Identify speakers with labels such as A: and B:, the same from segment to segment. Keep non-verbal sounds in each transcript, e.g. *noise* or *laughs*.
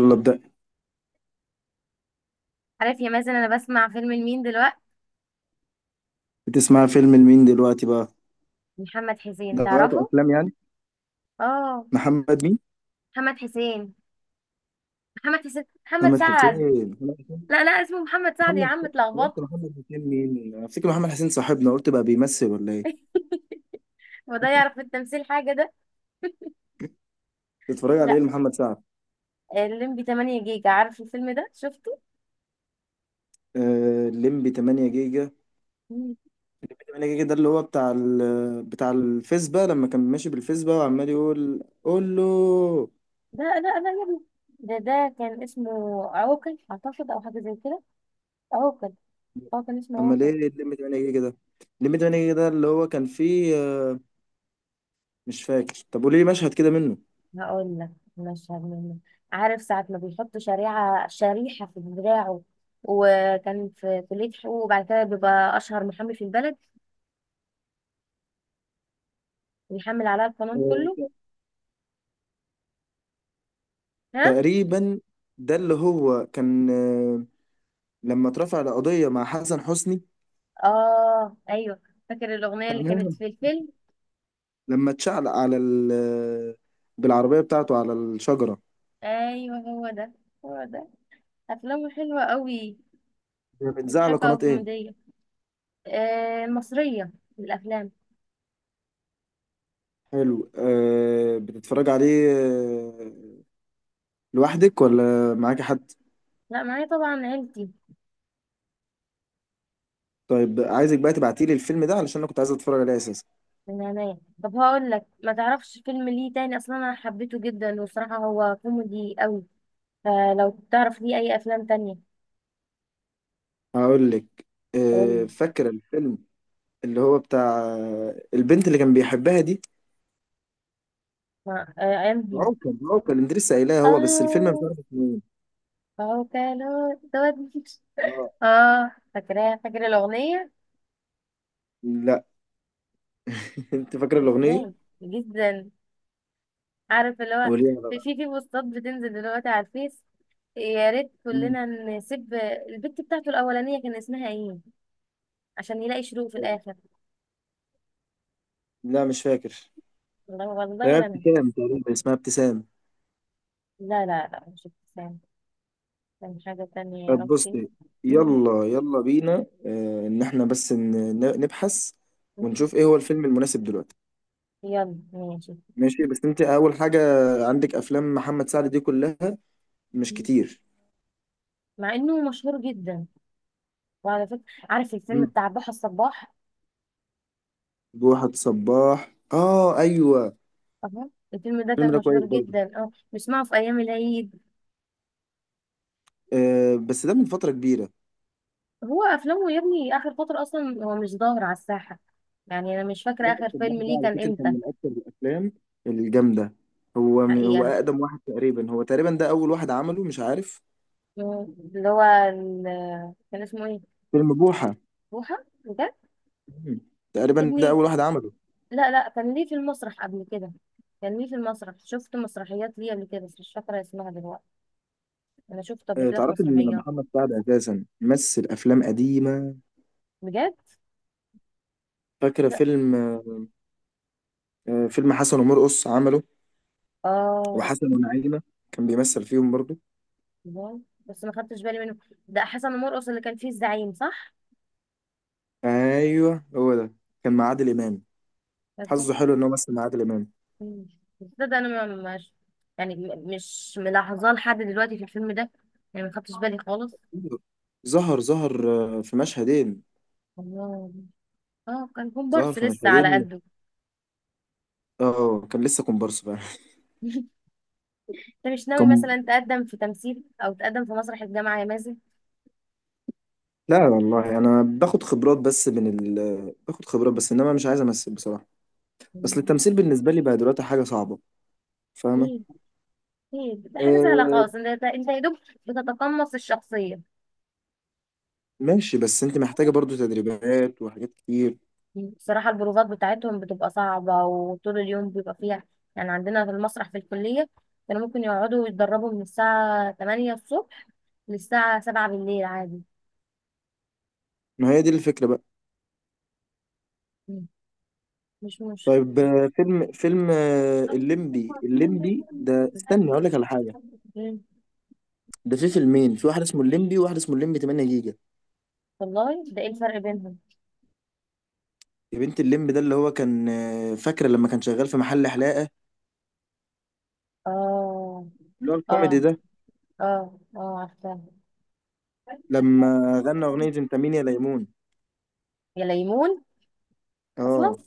A: يلا ابدأ.
B: عارف يا مازن، انا بسمع فيلم لمين دلوقتي؟
A: بتسمع فيلم لمين دلوقتي بقى؟
B: محمد حسين
A: دلوقتي
B: تعرفه.
A: أفلام يعني؟
B: اه.
A: محمد مين؟
B: محمد حسين. محمد حسين محمد
A: محمد حسين
B: سعد.
A: محمد حسين
B: لا لا، اسمه محمد سعد يا
A: محمد
B: عم،
A: حسين. أنا
B: اتلخبطت.
A: قلت محمد حسين مين؟ أنا أفتكر محمد حسين صاحبنا قلت بقى بيمثل ولا إيه؟
B: *laughs* هو ده يعرف في التمثيل حاجه ده؟
A: بتتفرج على
B: لا.
A: إيه لمحمد سعد؟
B: الليمبي 8 جيجا، عارف الفيلم ده؟ شفته.
A: ليمبي 8 جيجا.
B: مم.
A: 8 جيجا ده اللي هو بتاع بتاع الفيسبا لما كان ماشي بالفيسبا وعمال يقول قول له.
B: لا لا لا يا ابني، ده كان اسمه عوكل اعتقد او حاجه زي كده. عوكل. اه كان اسمه
A: أمال إيه
B: عوكل.
A: الليمبي 8 جيجا ده؟ الليمبي 8 جيجا ده اللي هو كان فيه، مش فاكر. طب قولي لي مشهد كده
B: هقول لك مشهد منه. عارف ساعة ما بيحط شريحة في دراعه، وكان في كلية حقوق، وبعد كده بيبقى أشهر محامي في البلد، بيحمل عليها القانون كله.
A: منه
B: ها؟
A: تقريبا. ده اللي هو كان، لما اترفع القضية مع حسن حسني.
B: آه أيوه. فاكر الأغنية اللي كانت
A: تمام.
B: في الفيلم؟
A: لما اتشعلق على ال آه، بالعربية بتاعته على الشجرة.
B: أيوه هو ده، هو ده. أفلامه حلوة قوي،
A: بتذاع على
B: مضحكة
A: قناة ايه؟
B: وكوميدية. آه مصرية الأفلام.
A: حلو، أه بتتفرج عليه لوحدك ولا معاك حد؟
B: لا، معايا طبعا عيلتي.
A: طيب عايزك بقى تبعتيلي الفيلم ده علشان انا كنت عايز اتفرج عليه اساسا.
B: من هنايا، طب هقول لك ما تعرفش فيلم ليه تاني أصلا؟ أنا حبيته جدا وصراحة هو كوميدي قوي. آه لو تعرف ليه أي أفلام تانية.
A: هقول لك، أه
B: قولي.
A: فاكرة الفيلم اللي هو بتاع البنت اللي كان بيحبها دي.
B: أنهي؟
A: عوكل عوكل، انت لسه قايلها هو بس الفيلم مش
B: آه.
A: عارف اسمه.
B: فهو كان هو دوت.
A: ايه اه.
B: آه فاكراها؟ فاكرة الأغنية.
A: لا، انت فاكر الاغنيه
B: إزاي؟ جدا. عارف اللي هو
A: وليها
B: في
A: بقى.
B: في في بوستات بتنزل دلوقتي على الفيس. يا ريت
A: مم.
B: كلنا نسيب. البت بتاعته الأولانية كان اسمها إيه عشان يلاقي شروق في الآخر؟
A: لا مش فاكر.
B: والله والله
A: هي
B: ولا أنا.
A: ابتسام تقريبا، اسمها ابتسام.
B: لا لا لا، مش ابتسام. كان حاجة تانية يا
A: طب
B: ربي.
A: بصي،
B: مم،
A: يلا يلا بينا، ان احنا بس نبحث
B: مم.
A: ونشوف ايه هو الفيلم المناسب دلوقتي.
B: يلا ماشي.
A: ماشي، بس انت اول حاجه عندك افلام محمد سعد دي كلها، مش
B: مم.
A: كتير.
B: مع إنه مشهور جدا. وعلى فكرة، عارف الفيلم
A: مم.
B: بتاع بحر الصباح؟
A: بوحة صباح، اه ايوه
B: اهو. الفيلم ده
A: الفيلم
B: كان
A: ده كويس
B: مشهور
A: برضه،
B: جدا، اه بسمعه في ايام العيد.
A: آه بس ده من فتره كبيره.
B: هو افلامه يا ابني اخر فترة اصلا هو مش ظاهر على الساحة. يعني انا مش فاكرة
A: لا،
B: اخر
A: السباح
B: فيلم
A: ده
B: ليه
A: على
B: كان
A: فكرة كان
B: امتى.
A: من أكتر الأفلام الجامدة. هو من هو
B: حقيقة.
A: أقدم واحد تقريبا، هو تقريبا ده أول واحد عمله مش عارف.
B: كان اسمه ايه؟
A: فيلم بوحة.
B: بوحة، بجد؟
A: مم.
B: يا
A: تقريبا ده
B: ابني
A: أول واحد عمله.
B: لا لا، كان ليه في المسرح قبل كده. كان ليه في المسرح، شفت مسرحيات ليه قبل كده بس مش فاكرة اسمها دلوقتي. انا شفته قبل كده في
A: تعرف إن
B: مسرحيات.
A: محمد سعد أساسا مثل أفلام قديمة.
B: بجد.
A: فاكرة
B: لا.
A: فيلم، فيلم حسن ومرقص عمله،
B: اه.
A: وحسن ونعيمة كان بيمثل فيهم برضو.
B: واو. بس ما خدتش بالي منه. ده حسن مرقص اللي كان فيه الزعيم، صح؟
A: أيوه هو ده، كان مع عادل إمام.
B: ده.
A: حظه حلو إن هو مثل مع عادل إمام.
B: ده انا ما- مش يعني م- مش ملاحظاه لحد دلوقتي في الفيلم ده، يعني ما خدتش بالي خالص.
A: ظهر، في مشهدين.
B: الله. اه كان
A: ظهر
B: كومبارس
A: في
B: لسه على
A: مشهدين،
B: قده.
A: اه كان لسه كومبارس بقى.
B: *laughs* انت مش ناوي
A: كم؟
B: مثلا تقدم في تمثيل او تقدم في مسرح الجامعه يا مازن؟
A: لا والله انا باخد خبرات بس من باخد خبرات بس انما مش عايز امثل بصراحه. اصل التمثيل بالنسبه لي بقى دلوقتي حاجه صعبه،
B: ايه؟
A: فاهمه؟
B: ايه ده، حاجه سهله
A: آه،
B: خالص، انت يا دوب بتتقمص الشخصيه.
A: ماشي بس انت محتاجه برضو تدريبات وحاجات كتير.
B: بصراحة البروفات بتاعتهم بتبقى صعبة وطول اليوم بيبقى فيها. يعني عندنا في المسرح في الكلية كانوا ممكن يقعدوا يتدربوا من الساعة 8 الصبح للساعة 7 بالليل عادي.
A: ما هي دي الفكره بقى.
B: مم. مش مشكلة.
A: طيب فيلم، الليمبي ده، استني اقول لك على حاجه.
B: مم.
A: ده في فيلمين، في واحد اسمه الليمبي وواحد اسمه الليمبي 8 جيجا.
B: والله ده ايه الفرق بينهم؟
A: يا بنت، الليمبي ده اللي هو كان، فاكره لما كان شغال في محل حلاقه،
B: اه
A: اللي هو الكوميدي
B: اه.
A: ده.
B: اه اه عارفة.
A: لما غنى اغنيه انت مين يا ليمون.
B: يا ليمون.
A: اه.
B: اصلا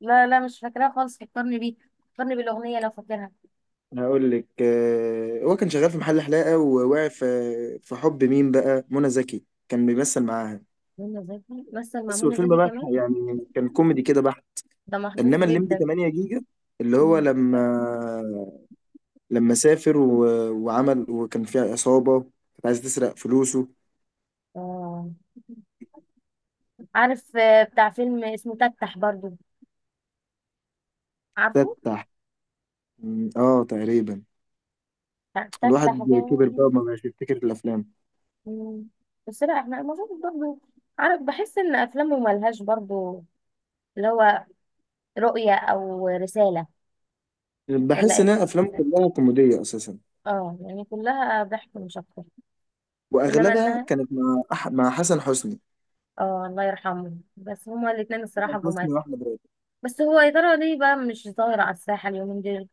B: لا لا، مش فاكراها خالص، فكرني بيه، فكرني بالاغنية لو فاكرها.
A: هقول لك، هو كان شغال في محل حلاقة، ووقع في حب مين بقى، منى زكي كان بيمثل معاها
B: منى زكي؟ مثل مع
A: بس.
B: منى
A: والفيلم
B: زكي
A: بقى
B: كمان؟
A: يعني كان كوميدي كده بحت.
B: ده محظوظ
A: انما الليمبي
B: جدا.
A: 8 جيجا اللي هو
B: مم.
A: لما سافر وعمل، وكان فيها عصابة كانت عايزة تسرق فلوسه.
B: آه. عارف، بتاع فيلم اسمه تفتح برضو، عارفه
A: تفتح، اه تقريبا.
B: بتاع تفتح
A: الواحد كبر
B: ده؟
A: بقى وما بقاش يفتكر الافلام.
B: مم. بس لا احنا المفروض برضو عارف بحس ان افلامه ملهاش برضو اللي هو رؤية او رسالة، ولا
A: بحس ان
B: ايه؟
A: الافلام كلها كوميدية اساسا،
B: اه يعني كلها ضحك مش اكتر. انما
A: واغلبها
B: انها
A: كانت مع مع حسن حسني.
B: اه. الله يرحمه، بس هما الاتنين الصراحة
A: حسن
B: جمال.
A: حسني واحمد.
B: بس هو يا ترى ليه بقى مش ظاهر على الساحة اليومين دول؟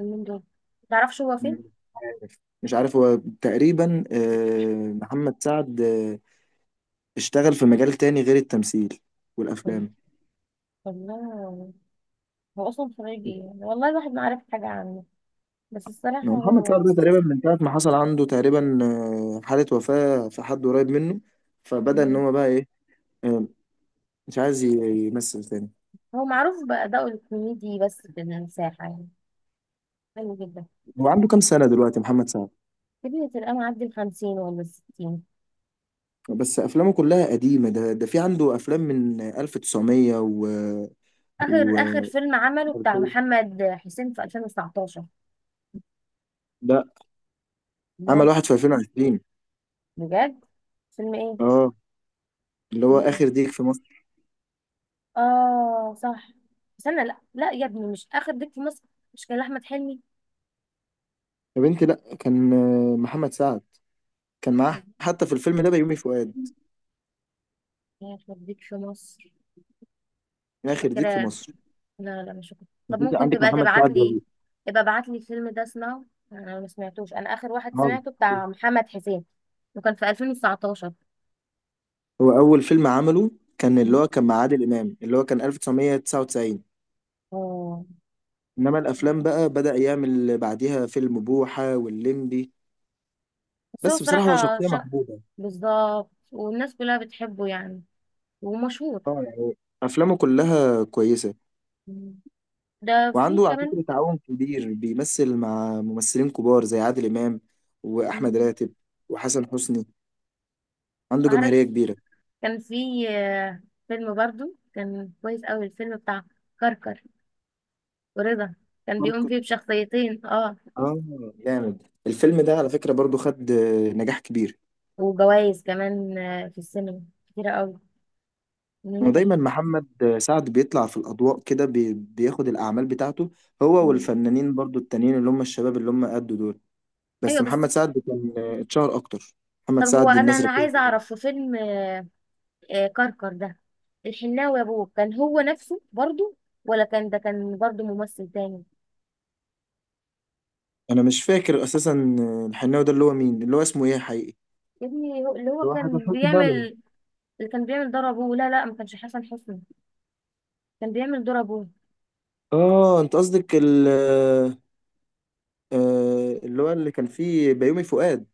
B: اليومين دول متعرفش هو فين؟
A: مم. عارف مش عارف هو، تقريبا محمد سعد اشتغل في مجال تاني غير التمثيل والافلام.
B: والله هو اصلا خريج ايه؟ والله الواحد ما عارف حاجه عنه، بس الصراحه
A: هو محمد سعد
B: هو
A: ده تقريبا من ساعة ما حصل عنده تقريبا حالة وفاة في حد قريب منه، فبدأ إن هو بقى إيه، آه، مش عايز يمثل تاني.
B: هو معروف بأدائه الكوميدي، بس في المساحه، يعني حلو جدا.
A: هو عنده كام سنة دلوقتي محمد سعد؟
B: كبير، تلقاه معدي الـ50 ولا الـ60.
A: بس أفلامه كلها قديمة، ده في عنده أفلام من 1900 و
B: اخر
A: و
B: اخر فيلم عمله بتاع
A: 2000.
B: محمد حسين في 2019.
A: لا، عمل
B: مول؟
A: واحد في 2020.
B: بجد؟ فيلم ايه؟
A: اه، اللي هو
B: فيلم
A: آخر
B: ايه؟
A: ديك في.
B: اه صح. استنى لا لا يا ابني، مش اخر ديك في مصر؟ مش كان احمد حلمي؟
A: يا بنتي لا، كان محمد سعد، كان معاه حتى في الفيلم ده بيومي فؤاد.
B: يا اخر ديك في مصر.
A: يا
B: مش
A: اخي، يخرب ديك في
B: فاكراه.
A: مصر.
B: لا لا مش هكون. طب
A: بس انت
B: ممكن
A: عندك
B: تبقى
A: محمد
B: تبعت
A: سعد
B: لي؟
A: والله.
B: يبقى ابعت لي الفيلم ده اسمعه. انا ما سمعتوش، انا اخر واحد
A: آه.
B: سمعته بتاع محمد حسين وكان في 2019.
A: هو اول فيلم عمله كان اللي
B: مم.
A: هو كان مع عادل امام، اللي هو كان 1999.
B: اه
A: انما الافلام بقى بدأ يعمل بعديها فيلم بوحة واللمبي.
B: بس هو
A: بس بصراحة هو
B: صراحة
A: شخصية
B: شق.
A: محبوبة.
B: بالظبط، والناس كلها بتحبه يعني، ومشهور.
A: اه يعني افلامه كلها كويسة.
B: مم. ده في
A: وعنده على
B: كمان.
A: فكرة تعاون كبير، بيمثل مع ممثلين كبار زي عادل امام واحمد
B: مم.
A: راتب وحسن حسني. عنده جماهيرية
B: عارف
A: كبيرة.
B: كان في فيلم برضو كان كويس قوي، الفيلم بتاع كركر ورضا، كان بيقوم فيه بشخصيتين اه.
A: اه جامد الفيلم ده على فكرة، برضو خد نجاح كبير.
B: وجوائز كمان في السينما، كتيرة قوي، انه نجح.
A: ودايما محمد سعد بيطلع في الأضواء كده، بياخد الأعمال بتاعته، هو
B: مم.
A: والفنانين برضو التانيين اللي هم الشباب اللي هم قدوا دول. بس
B: ايوه بس.
A: محمد سعد كان اتشهر أكتر. محمد
B: طب هو،
A: سعد
B: انا
A: الناس
B: انا
A: ركزت.
B: عايزه اعرف، في فيلم كركر ده، الحناوي يا ابوه، كان هو نفسه برضه، ولا كان ده كان برضه ممثل تاني؟
A: أنا مش فاكر أساسا الحناوي ده اللي هو مين، اللي هو اسمه إيه حقيقي؟
B: يا ابني اللي هو
A: اللي هو حسن
B: كان
A: حسني ده ولا مين؟
B: بيعمل، اللي كان بيعمل دور ابوه، لا لا ما كانش حسن حسني. كان بيعمل دور ابوه.
A: اه انت قصدك ال آه، آه، اللي هو اللي كان فيه بيومي فؤاد.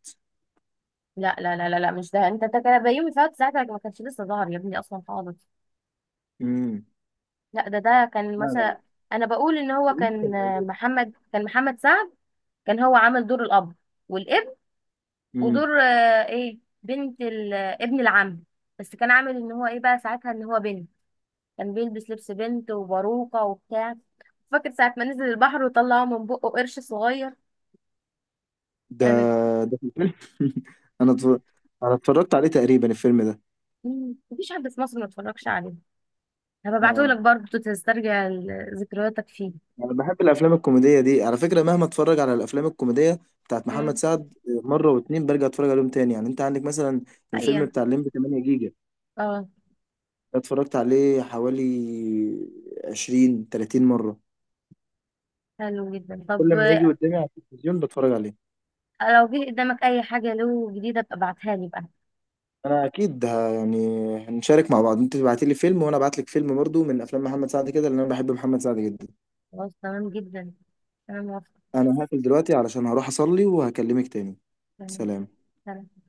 B: لا لا لا لا، لا مش ده، انت انت كان بيومي فؤاد ساعتها ما كانش لسه ظهر يا ابني اصلا خالص.
A: امم
B: لا ده كان
A: لا لا لا،
B: مثلا، انا بقول ان هو
A: البنت
B: كان
A: كان
B: محمد، كان محمد سعد، كان هو عامل دور الاب والابن
A: موجود.
B: ودور ايه بنت ابن العم. بس كان عامل ان هو ايه بقى ساعتها ان هو بنت، كان بيلبس لبس بنت وباروكة وبتاع. فاكر ساعة ما نزل البحر وطلعوا من بقه قرش صغير
A: ده
B: يعني.
A: ده في الفيلم. *laughs* انا اتفر-
B: *laughs*
A: انا اتفرجت عليه تقريبا الفيلم ده.
B: مفيش حد في مصر ما اتفرجش عليه. هبعته لك
A: اه
B: برضه تسترجع ذكرياتك فيه.
A: انا بحب الافلام الكوميديه دي على فكره، مهما اتفرج على الافلام الكوميديه بتاعت محمد
B: امم.
A: سعد مره واتنين برجع اتفرج عليهم تاني. يعني انت عندك مثلا الفيلم
B: حقيقة.
A: بتاع الليمبي 8 جيجا
B: اه.
A: ده، اتفرجت عليه حوالي 20-30 مره.
B: حلو جدا.
A: كل
B: طب
A: لما يجي قدامي على التلفزيون بتفرج عليه.
B: لو جه قدامك اي حاجة له جديدة ابقى ابعتها لي بقى.
A: انا اكيد يعني هنشارك مع بعض، انت تبعتي لي فيلم وانا ابعت لك فيلم برضو من افلام محمد سعد كده لان انا بحب محمد سعد جدا.
B: خلاص تمام جدا، انا موافقة.
A: انا هقفل دلوقتي علشان هروح اصلي وهكلمك تاني.
B: تمام.
A: سلام.
B: سلام.